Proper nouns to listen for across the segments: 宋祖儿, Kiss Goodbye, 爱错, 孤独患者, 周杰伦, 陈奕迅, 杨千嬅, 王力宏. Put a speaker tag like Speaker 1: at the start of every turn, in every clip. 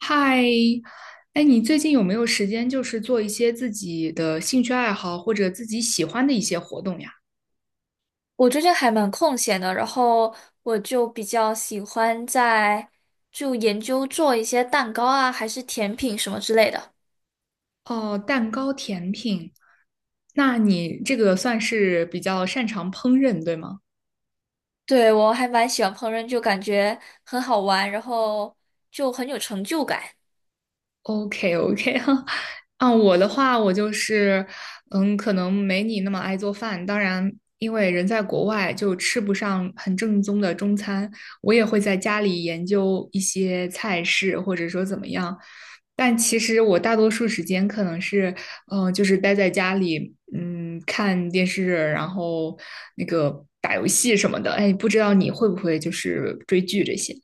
Speaker 1: 嗨，哎，你最近有没有时间，就是做一些自己的兴趣爱好或者自己喜欢的一些活动呀？
Speaker 2: 我最近还蛮空闲的，然后我就比较喜欢就研究做一些蛋糕啊，还是甜品什么之类的。
Speaker 1: 哦，蛋糕、甜品，那你这个算是比较擅长烹饪，对吗？
Speaker 2: 对，我还蛮喜欢烹饪，就感觉很好玩，然后就很有成就感。
Speaker 1: OK OK 啊，我的话，我就是，可能没你那么爱做饭。当然，因为人在国外，就吃不上很正宗的中餐。我也会在家里研究一些菜式，或者说怎么样。但其实我大多数时间可能是，就是待在家里，嗯，看电视，然后那个打游戏什么的。哎，不知道你会不会就是追剧这些？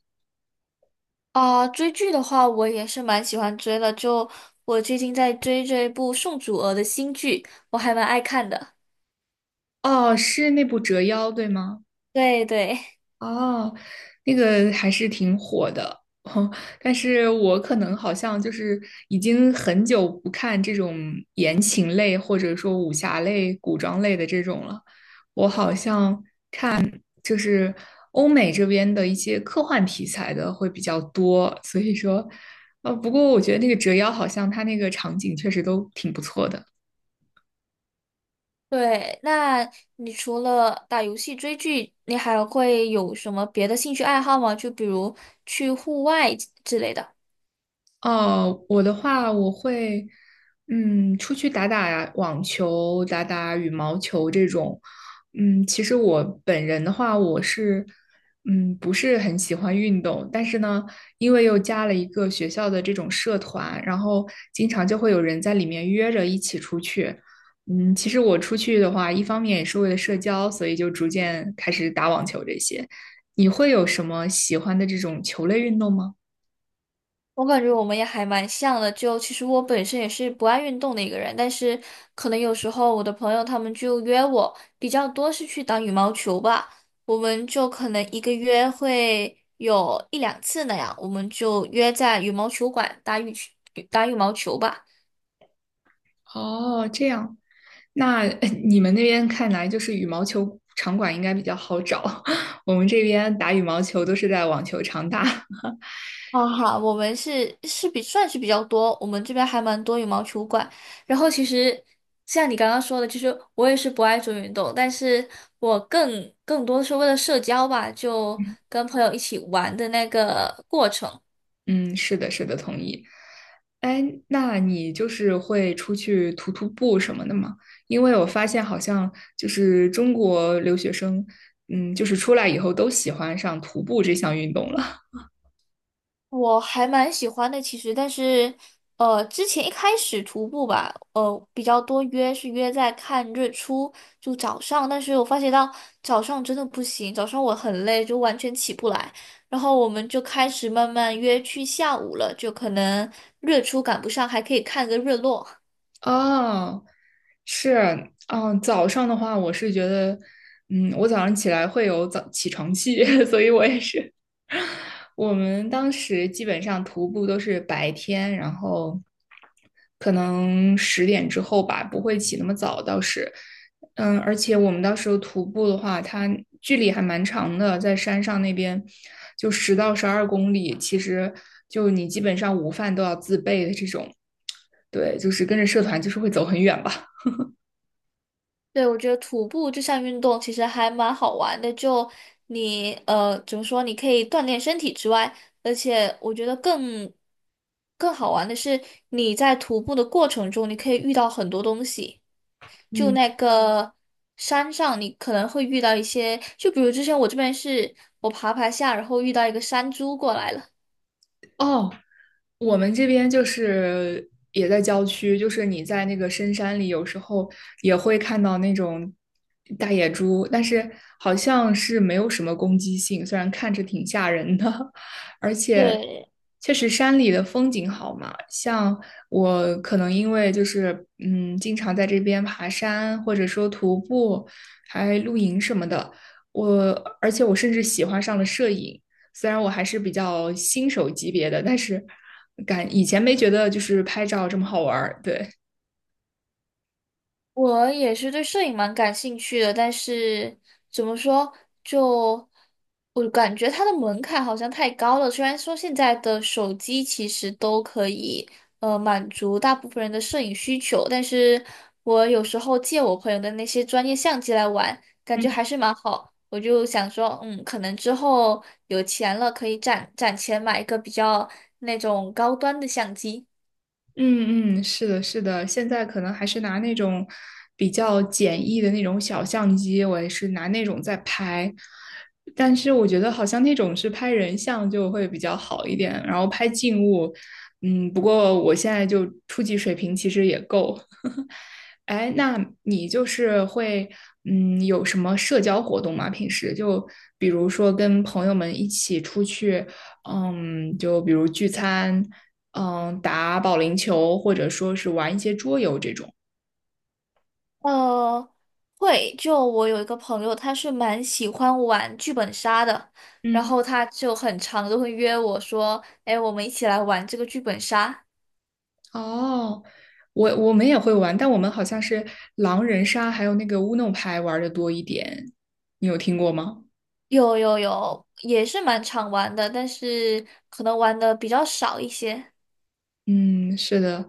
Speaker 2: 啊、追剧的话，我也是蛮喜欢追的，就我最近在追这部宋祖儿的新剧，我还蛮爱看的。
Speaker 1: 哦，是那部《折腰》，对吗？
Speaker 2: 对对。
Speaker 1: 哦，那个还是挺火的，但是我可能好像就是已经很久不看这种言情类或者说武侠类、古装类的这种了。我好像就是欧美这边的一些科幻题材的会比较多，所以说，不过我觉得那个折腰好像它那个场景确实都挺不错的。
Speaker 2: 对，那你除了打游戏、追剧，你还会有什么别的兴趣爱好吗？就比如去户外之类的。
Speaker 1: 哦，我的话，我会，出去打打网球、打打羽毛球这种。嗯，其实我本人的话，我是，不是很喜欢运动，但是呢，因为又加了一个学校的这种社团，然后经常就会有人在里面约着一起出去。嗯，其实我出去的话，一方面也是为了社交，所以就逐渐开始打网球这些。你会有什么喜欢的这种球类运动吗？
Speaker 2: 我感觉我们也还蛮像的，就其实我本身也是不爱运动的一个人，但是可能有时候我的朋友他们就约我，比较多是去打羽毛球吧，我们就可能一个月会有一两次那样，我们就约在羽毛球馆打羽毛球吧。
Speaker 1: 哦，这样。那你们那边看来就是羽毛球场馆应该比较好找，我们这边打羽毛球都是在网球场打。
Speaker 2: 好好，我们是是比算是比较多，我们这边还蛮多羽毛球馆。然后其实像你刚刚说的，其实我也是不爱做运动，但是我更多是为了社交吧，就跟朋友一起玩的那个过程。
Speaker 1: 嗯，是的，是的，同意。哎，那你就是会出去徒步什么的吗？因为我发现好像就是中国留学生，嗯，就是出来以后都喜欢上徒步这项运动了。
Speaker 2: 我还蛮喜欢的，其实，但是，之前一开始徒步吧，比较多约是约在看日出，就早上。但是我发觉到早上真的不行，早上我很累，就完全起不来。然后我们就开始慢慢约去下午了，就可能日出赶不上，还可以看个日落。
Speaker 1: 哦，是，嗯，早上的话，我是觉得，我早上起来会有早起床气，所以我也是。我们当时基本上徒步都是白天，然后可能10点之后吧，不会起那么早，倒是，嗯，而且我们到时候徒步的话，它距离还蛮长的，在山上那边就10到12公里，其实就你基本上午饭都要自备的这种。对，就是跟着社团就是会走很远吧。
Speaker 2: 对，我觉得徒步这项运动其实还蛮好玩的，就你怎么说，你可以锻炼身体之外，而且我觉得更好玩的是你在徒步的过程中，你可以遇到很多东西。就
Speaker 1: 嗯，
Speaker 2: 那个山上，你可能会遇到一些，就比如之前我这边是我爬爬下，然后遇到一个山猪过来了。
Speaker 1: 哦，我们这边就是也在郊区，就是你在那个深山里，有时候也会看到那种大野猪，但是好像是没有什么攻击性，虽然看着挺吓人的，而且
Speaker 2: 对，
Speaker 1: 确实山里的风景好嘛。像我可能因为就是经常在这边爬山，或者说徒步，还露营什么的，我而且我甚至喜欢上了摄影。虽然我还是比较新手级别的，但是感以前没觉得就是拍照这么好玩儿。对，
Speaker 2: 我也是对摄影蛮感兴趣的，但是怎么说，就我感觉它的门槛好像太高了。虽然说现在的手机其实都可以，满足大部分人的摄影需求，但是我有时候借我朋友的那些专业相机来玩，感觉
Speaker 1: 嗯
Speaker 2: 还是蛮好。我就想说，嗯，可能之后有钱了，可以攒攒钱买一个比较那种高端的相机。
Speaker 1: 嗯，是的，是的，现在可能还是拿那种比较简易的那种小相机，我也是拿那种在拍。但是我觉得好像那种是拍人像就会比较好一点，然后拍静物，不过我现在就初级水平其实也够。哎，那你就是会，有什么社交活动吗？平时就比如说跟朋友们一起出去，嗯，就比如聚餐，嗯，打保龄球，或者说是玩一些桌游这种。
Speaker 2: 呃，会，就我有一个朋友，他是蛮喜欢玩剧本杀的，然
Speaker 1: 嗯，
Speaker 2: 后他就很常都会约我说，哎，我们一起来玩这个剧本杀。
Speaker 1: 哦，我们也会玩，但我们好像是狼人杀还有那个乌弄牌玩的多一点。你有听过吗？
Speaker 2: 有有有，也是蛮常玩的，但是可能玩的比较少一些。
Speaker 1: 嗯，是的，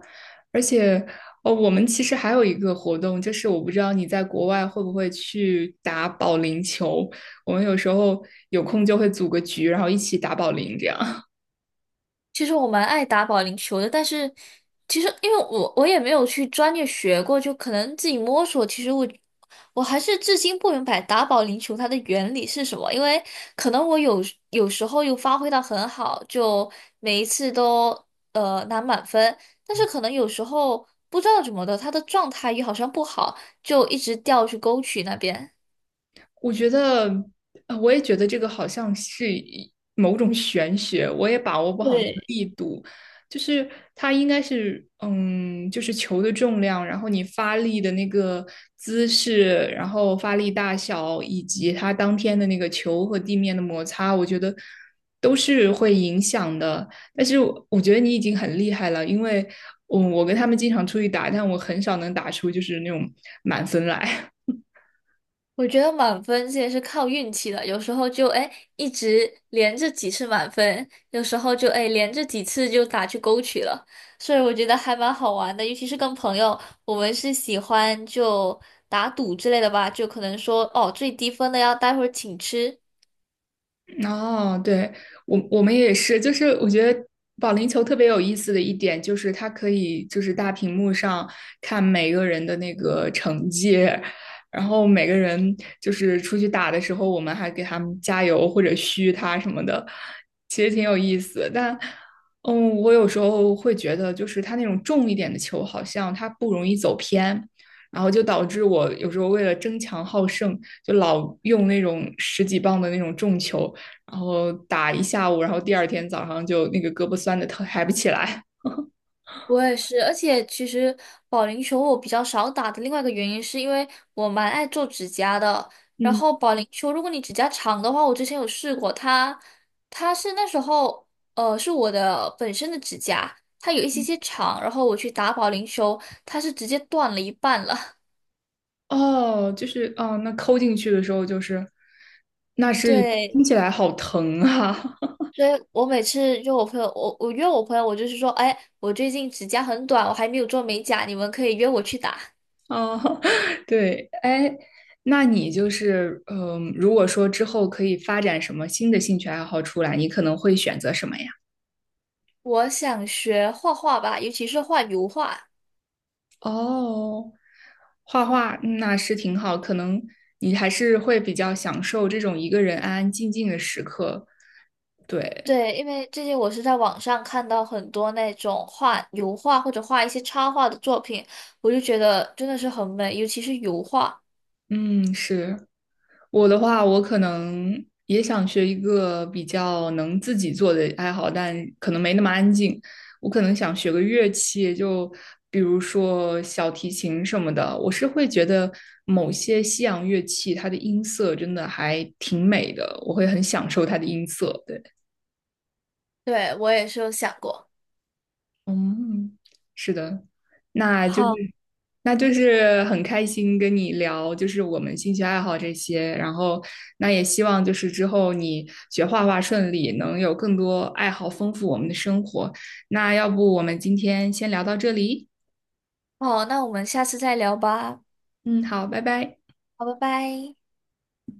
Speaker 1: 而且哦，我们其实还有一个活动，就是我不知道你在国外会不会去打保龄球，我们有时候有空就会组个局，然后一起打保龄这样。
Speaker 2: 其实我蛮爱打保龄球的，但是其实因为我也没有去专业学过，就可能自己摸索。其实我还是至今不明白打保龄球它的原理是什么，因为可能我有时候又发挥的很好，就每一次都拿满分，但是可能有时候不知道怎么的，他的状态也好像不好，就一直掉去沟渠那边。
Speaker 1: 我觉得，我也觉得这个好像是一某种玄学，我也把握不好那个
Speaker 2: 对，
Speaker 1: 力度。就是它应该是，就是球的重量，然后你发力的那个姿势，然后发力大小，以及它当天的那个球和地面的摩擦，我觉得都是会影响的。但是我觉得你已经很厉害了，因为我跟他们经常出去打，但我很少能打出就是那种满分来。
Speaker 2: 我觉得满分这也是靠运气的，有时候就哎一直连着几次满分，有时候就哎连着几次就打去勾取了，所以我觉得还蛮好玩的，尤其是跟朋友，我们是喜欢就打赌之类的吧，就可能说哦最低分的要待会儿请吃，
Speaker 1: 哦，对，我们也是，就是我觉得保龄球特别有意思的一点就是它可以就是大屏幕上看每个人的那个成绩，然后每个人就是出去打的时候，我们还给他们加油或者嘘他什么的，其实挺有意思。但我有时候会觉得就是它那种重一点的球好像它不容易走偏。然后就导致我有时候为了争强好胜，就老用那种十几磅的那种重球，然后打一下午，然后第二天早上就那个胳膊酸的疼，抬不起来。
Speaker 2: 我也是，而且其实保龄球我比较少打的另外一个原因，是因为我蛮爱做指甲的。然
Speaker 1: 嗯，
Speaker 2: 后保龄球，如果你指甲长的话，我之前有试过，它是那时候是我的本身的指甲，它有一些些长，然后我去打保龄球，它是直接断了一半了。
Speaker 1: 哦，那抠进去的时候就是，那是
Speaker 2: 对，
Speaker 1: 听起来好疼啊！
Speaker 2: 所以我每次约我朋友，我约我朋友，我就是说，哎，我最近指甲很短，我还没有做美甲，你们可以约我去打。
Speaker 1: 哦，对，哎，那你就是如果说之后可以发展什么新的兴趣爱好出来，你可能会选择什么呀？
Speaker 2: 我想学画画吧，尤其是画油画。
Speaker 1: 哦，画画那是挺好，可能你还是会比较享受这种一个人安安静静的时刻。对，
Speaker 2: 对，因为最近我是在网上看到很多那种画油画或者画一些插画的作品，我就觉得真的是很美，尤其是油画。
Speaker 1: 嗯，是。我的话，我可能也想学一个比较能自己做的爱好，但可能没那么安静。我可能想学个乐器，就比如说小提琴什么的。我是会觉得某些西洋乐器它的音色真的还挺美的，我会很享受它的音色。对。
Speaker 2: 对，我也是有想过。
Speaker 1: 嗯，是的，那就是，
Speaker 2: 好，
Speaker 1: 很开心跟你聊，就是我们兴趣爱好这些，然后那也希望就是之后你学画画顺利，能有更多爱好丰富我们的生活。那要不我们今天先聊到这里？
Speaker 2: 好，那我们下次再聊吧。
Speaker 1: 嗯，好，拜拜。
Speaker 2: 好，拜拜。